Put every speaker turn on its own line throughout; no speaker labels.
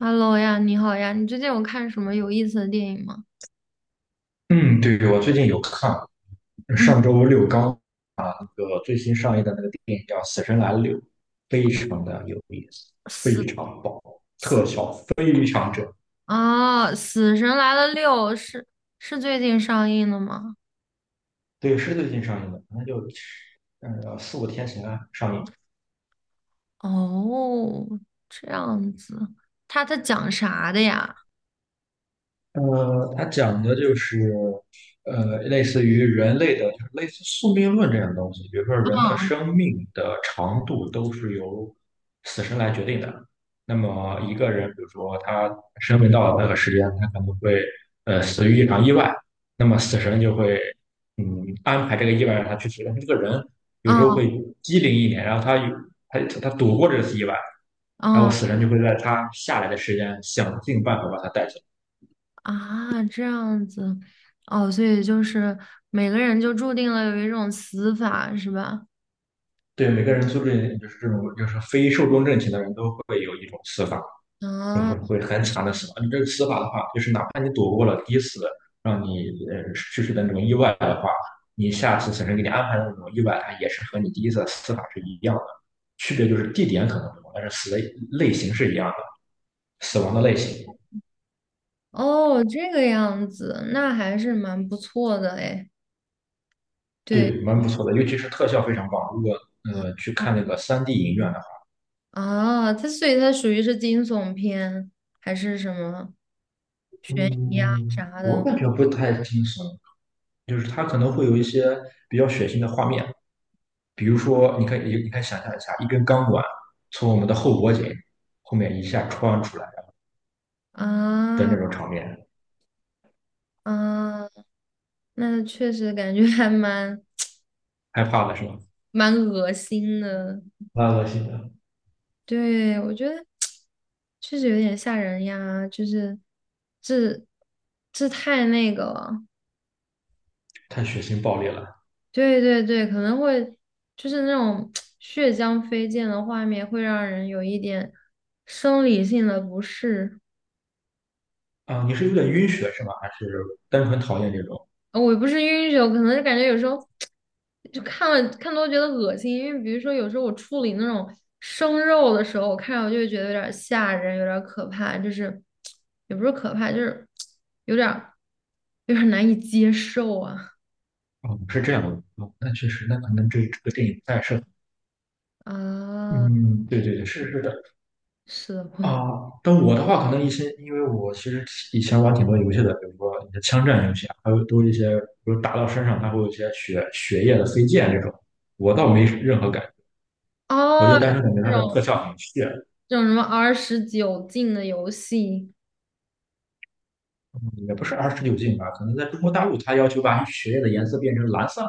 Hello 呀，你好呀，你最近有看什么有意思的电影吗？
嗯，对，我最近有看，
嗯。
上周六刚啊那个最新上映的那个电影叫《死神来了》，非常的有意思，
死
非常棒，
死
特效非常正。
《死神来了六》是最近上映的吗？
对，是最近上映的，那就四五天前啊上映。
哦，这样子，他讲啥的呀？
它讲的就是，类似于人类的，就是类似宿命论这样的东西。比如说，人的
嗯
生命的长度都是由死神来决定的。那么，一个人，比如说他生命到了那个时间，他可能会死于一场意外，那么死神就会嗯安排这个意外让他去死。但是这个人有时候会
嗯
机灵一点，然后他有他他躲过这次意外，然后
嗯。
死神就会在他下来的时间想尽办法把他带走。
啊，这样子，哦，所以就是每个人就注定了有一种死法，是吧？
对，每个人素质就是这种，就是非寿终正寝的人都会有一种死法，就是
啊，
会很惨的死法。你这个死法的话，就是哪怕你躲过了第一次让你去世的那种意外的话，你下次死神给你安排的那种意外，它也是和你第一次死法是一样的，区别就是地点可能不同，但是死的类型是一样的，死亡的类型。
哦，这个样子，那还是蛮不错的诶。对。
对，蛮不错的，尤其是特效非常棒。如果
啊。
去看那个3D 影院的话，
啊，所以它属于是惊悚片还是什么悬疑啊
嗯，
啥
我
的。
感觉不太惊悚，就是它可能会有一些比较血腥的画面。比如说，你可以想象一下，一根钢管从我们的后脖颈后面一下穿出来的
啊
那种场面，
啊，那确实感觉还蛮
害怕了是吗？
蛮恶心的。
蛮恶心的。
对，我觉得确实有点吓人呀，就是这这太那个了。
太血腥暴力了
对对对，可能会就是那种 血浆飞溅的画面，会让人有一点生理性的不适。
啊！你是有点晕血是吗？还是单纯讨厌这种？
我不是晕血，我可能是感觉有时候就看了看多觉得恶心，因为比如说有时候我处理那种生肉的时候，我看着我就会觉得有点儿吓人，有点儿可怕，就是也不是可怕，就是有点儿有点儿难以接受啊。
哦，是这样的。哦，那确实，那可能这个电影不太适合。
啊，
嗯，对对对，是是的。
是的，嗯。
啊，但我的话可能一些，因为我其实以前玩挺多游戏的，比如说你的枪战游戏啊，还有都一些，比如打到身上它会有一些血液的飞溅这种，我倒没任何感觉，我就
哦，
单纯感觉
这
它的
种
特效很炫，
这种什么29禁的游戏。
也不是29禁吧，可能在中国大陆它要求把血液的颜色变成蓝色、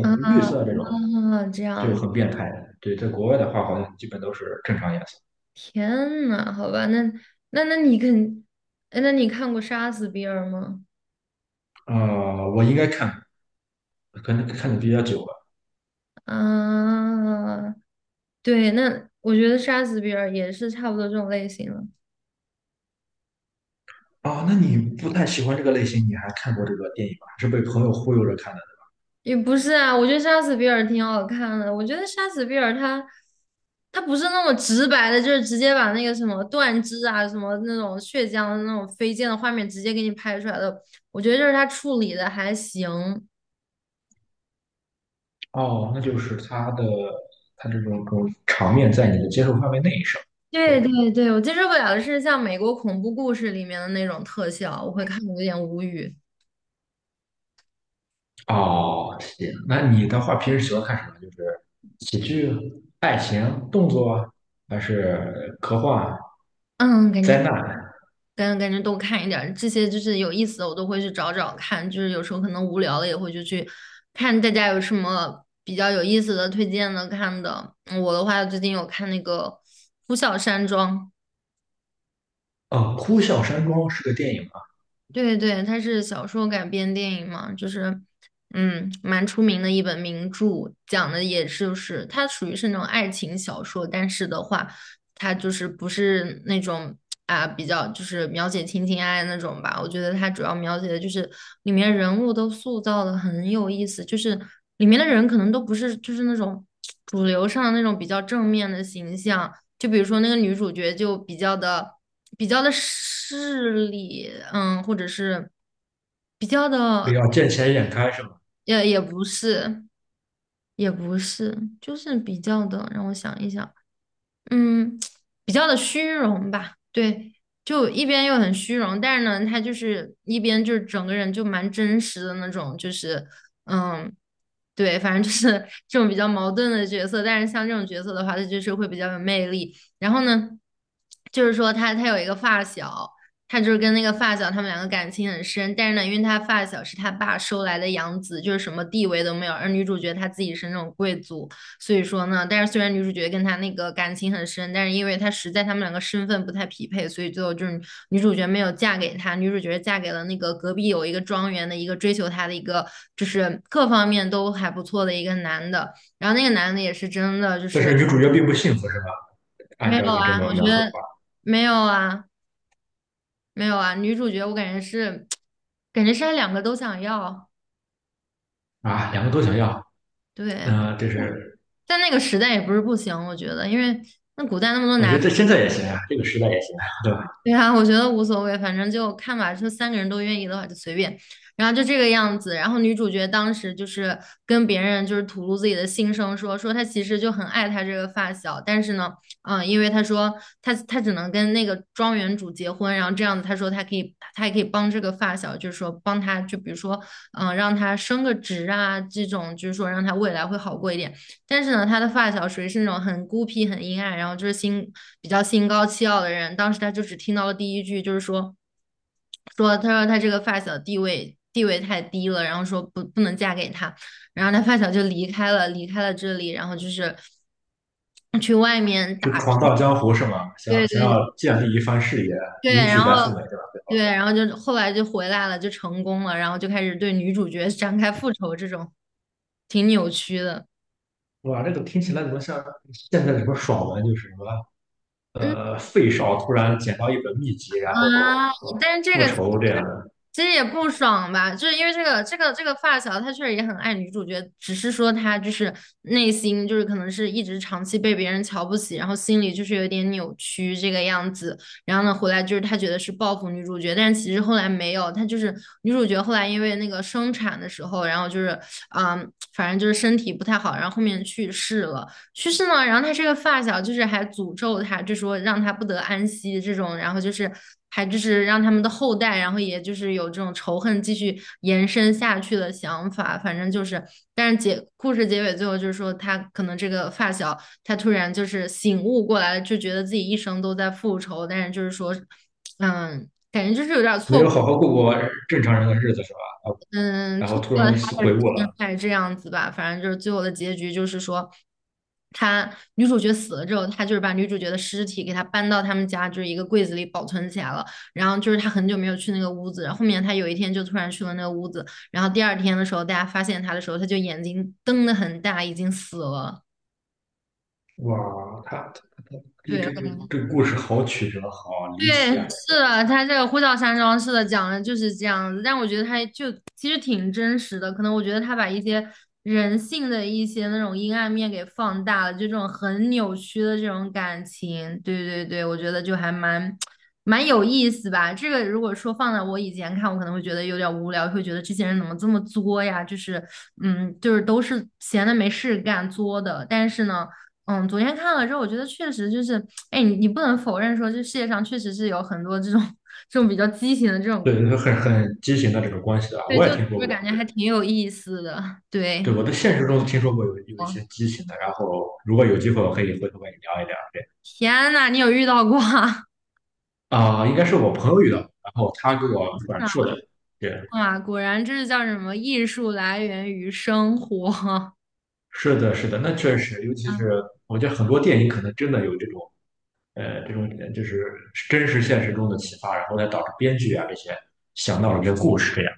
啊
绿色这种，
啊，这
就
样，
很变态。对，在国外的话好像基本都是正常颜色。
天呐，好吧，那那那你肯，哎那你看过《杀死比尔》吗？
我应该看，可能看的比较久了，
啊，对，那我觉得杀死比尔也是差不多这种类型了。
哦，那你不太喜欢这个类型，你还看过这个电影吗？还是被朋友忽悠着看的？
也不是啊，我觉得杀死比尔挺好看的。我觉得杀死比尔他不是那么直白的，就是直接把那个什么断肢啊、什么那种血浆的那种飞溅的画面直接给你拍出来的。我觉得就是他处理的还行。
哦，那就是他这种场面在你的接受范围内是吧？对。
对对对，我接受不了的是像美国恐怖故事里面的那种特效，我会看的有点无语。
哦，行。那你的话平时喜欢看什么？就是喜剧、爱情、动作啊，还是科幻、
嗯。
灾难？
跟感觉都看一点儿，这些就是有意思的，我都会去找找看。就是有时候可能无聊了，也会就去看大家有什么比较有意思的推荐的看的。嗯我的话，最近有看那个《呼啸山庄》，
哦，《呼啸山庄》是个电影啊。
对对，它是小说改编电影嘛，就是，嗯，蛮出名的一本名著，讲的也是就是它属于是那种爱情小说，但是的话，它就是不是那种啊比较就是描写情情爱爱那种吧。我觉得它主要描写的就是里面人物都塑造的很有意思，就是里面的人可能都不是就是那种主流上的那种比较正面的形象，就比如说那个女主角就比较的势利，嗯，或者是比较
比
的，
较见钱眼开是吗？
也不是，也不是，就是比较的，让我想一想，嗯，比较的虚荣吧，对，就一边又很虚荣，但是呢，他就是一边就是整个人就蛮真实的那种，就是嗯，对，反正就是这种比较矛盾的角色，但是像这种角色的话，他就是会比较有魅力。然后呢，就是说他有一个发小，他就是跟那个发小他们两个感情很深，但是呢，因为他发小是他爸收来的养子，就是什么地位都没有，而女主角她自己是那种贵族。所以说呢，但是虽然女主角跟他那个感情很深，但是因为他实在他们两个身份不太匹配，所以最后就是女主角没有嫁给他，女主角嫁给了那个隔壁有一个庄园的一个追求她的一个，就是各方面都还不错的一个男的。然后那个男的也是真的就
但
是
是女主角并不幸福是吧？
没
按照
有
你
啊，
这么
我觉
描述的
得
话，
没有啊，没有啊。女主角我感觉是，他两个都想要，
啊，两个都想要。
对。
那这是
但那个时代也不是不行，我觉得，因为那古代那么多
我觉
男。
得这现在也行啊，这个时代也行啊，对吧？
对啊，我觉得无所谓，反正就看吧。说三个人都愿意的话，就随便。然后就这个样子。然后女主角当时就是跟别人就是吐露自己的心声说她其实就很爱她这个发小，但是呢，嗯，因为她说她只能跟那个庄园主结婚，然后这样子她说她也可以帮这个发小，就是说帮她就比如说嗯让她升个职啊这种，就是说让她未来会好过一点。但是呢，他的发小属于是那种很孤僻、很阴暗，然后就是比较心高气傲的人。当时他就只听到了第一句，就是说，说他这个发小地位太低了，然后说不能嫁给他。然后他发小就离开了这里，然后就是去外面
就
打
闯
拼。
荡江湖是吗？想
对
要想
对
要建立一番事业，
对，
迎娶
然后
白富美，对吧？对吧。
对，然后就后来就回来了，就成功了，然后就开始对女主角 展开复仇，这种挺扭曲的。
哇，这个听起来怎么像现在什么爽文，就是什么
嗯
费少突然捡到一本秘籍，然后
啊，但是这
复
个
仇这样的，
其实也不爽吧，就是因为这个发小，他确实也很爱女主角，只是说他就是内心就是可能是一直长期被别人瞧不起，然后心里就是有点扭曲这个样子。然后呢，回来就是他觉得是报复女主角，但是其实后来没有，他就是女主角后来因为那个生产的时候，然后就是反正就是身体不太好，然后后面去世了。去世呢，然后他这个发小就是还诅咒他，就说让他不得安息这种，然后就是还就是让他们的后代，然后也就是有这种仇恨继续延伸下去的想法，反正就是，但是故事结尾最后就是说他可能这个发小他突然就是醒悟过来了，就觉得自己一生都在复仇，但是就是说，嗯。感觉就是有点
没
错
有好好过过正常人的日子是吧？啊，
嗯，
然后
错
突
过了
然
他的
悔悟
天，
了。
还是这样子吧。反正就是最后的结局就是说，他女主角死了之后，他就是把女主角的尸体给她搬到他们家就是一个柜子里保存起来了。然后就是他很久没有去那个屋子，然后后面他有一天就突然去了那个屋子，然后第二天的时候大家发现他的时候，他就眼睛瞪得很大，已经死了。
哇，他这个
对，
这个这个故事好曲折，好离奇啊！
对，是的，他这个呼啸山庄讲的就是这样子，但我觉得他就其实挺真实的，可能我觉得他把一些人性的一些那种阴暗面给放大了，就这种很扭曲的这种感情，对对对，我觉得就还蛮有意思吧。这个如果说放在我以前看，我可能会觉得有点无聊，会觉得这些人怎么这么作呀？就是嗯，就是都是闲的没事干作的，但是呢。嗯，昨天看了之后，我觉得确实就是，哎，你不能否认说，这世界上确实是有很多这种 这种比较畸形的这种，
对，很畸形的这种关系啊，
对，
我也
就
听说
我
过，
感觉
对。
还挺有意思的。
对，
对，
我在现实中听说过有一
哦，
些畸形的，然后如果有机会，我可以回头跟你聊一聊。对，
天呐，你有遇到过啊？
啊，应该是我朋友遇到的，然后他给我转 述
啊，
的。对，
哇果然这是叫什么？艺术来源于生活。
是的，是的，那确实，尤其
啊
是我觉得很多电影可能真的有这种，这种就是真实现实中的启发，然后再导致编剧啊这些想到了一个故事这样。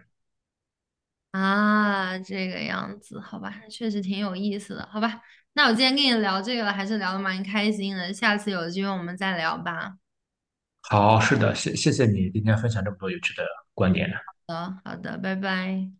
啊，这个样子，好吧，确实挺有意思的，好吧。那我今天跟你聊这个了，还是聊的蛮开心的，下次有机会我们再聊吧。
好，是的，谢谢你今天分享这么多有趣的观点。
好的好的，拜拜。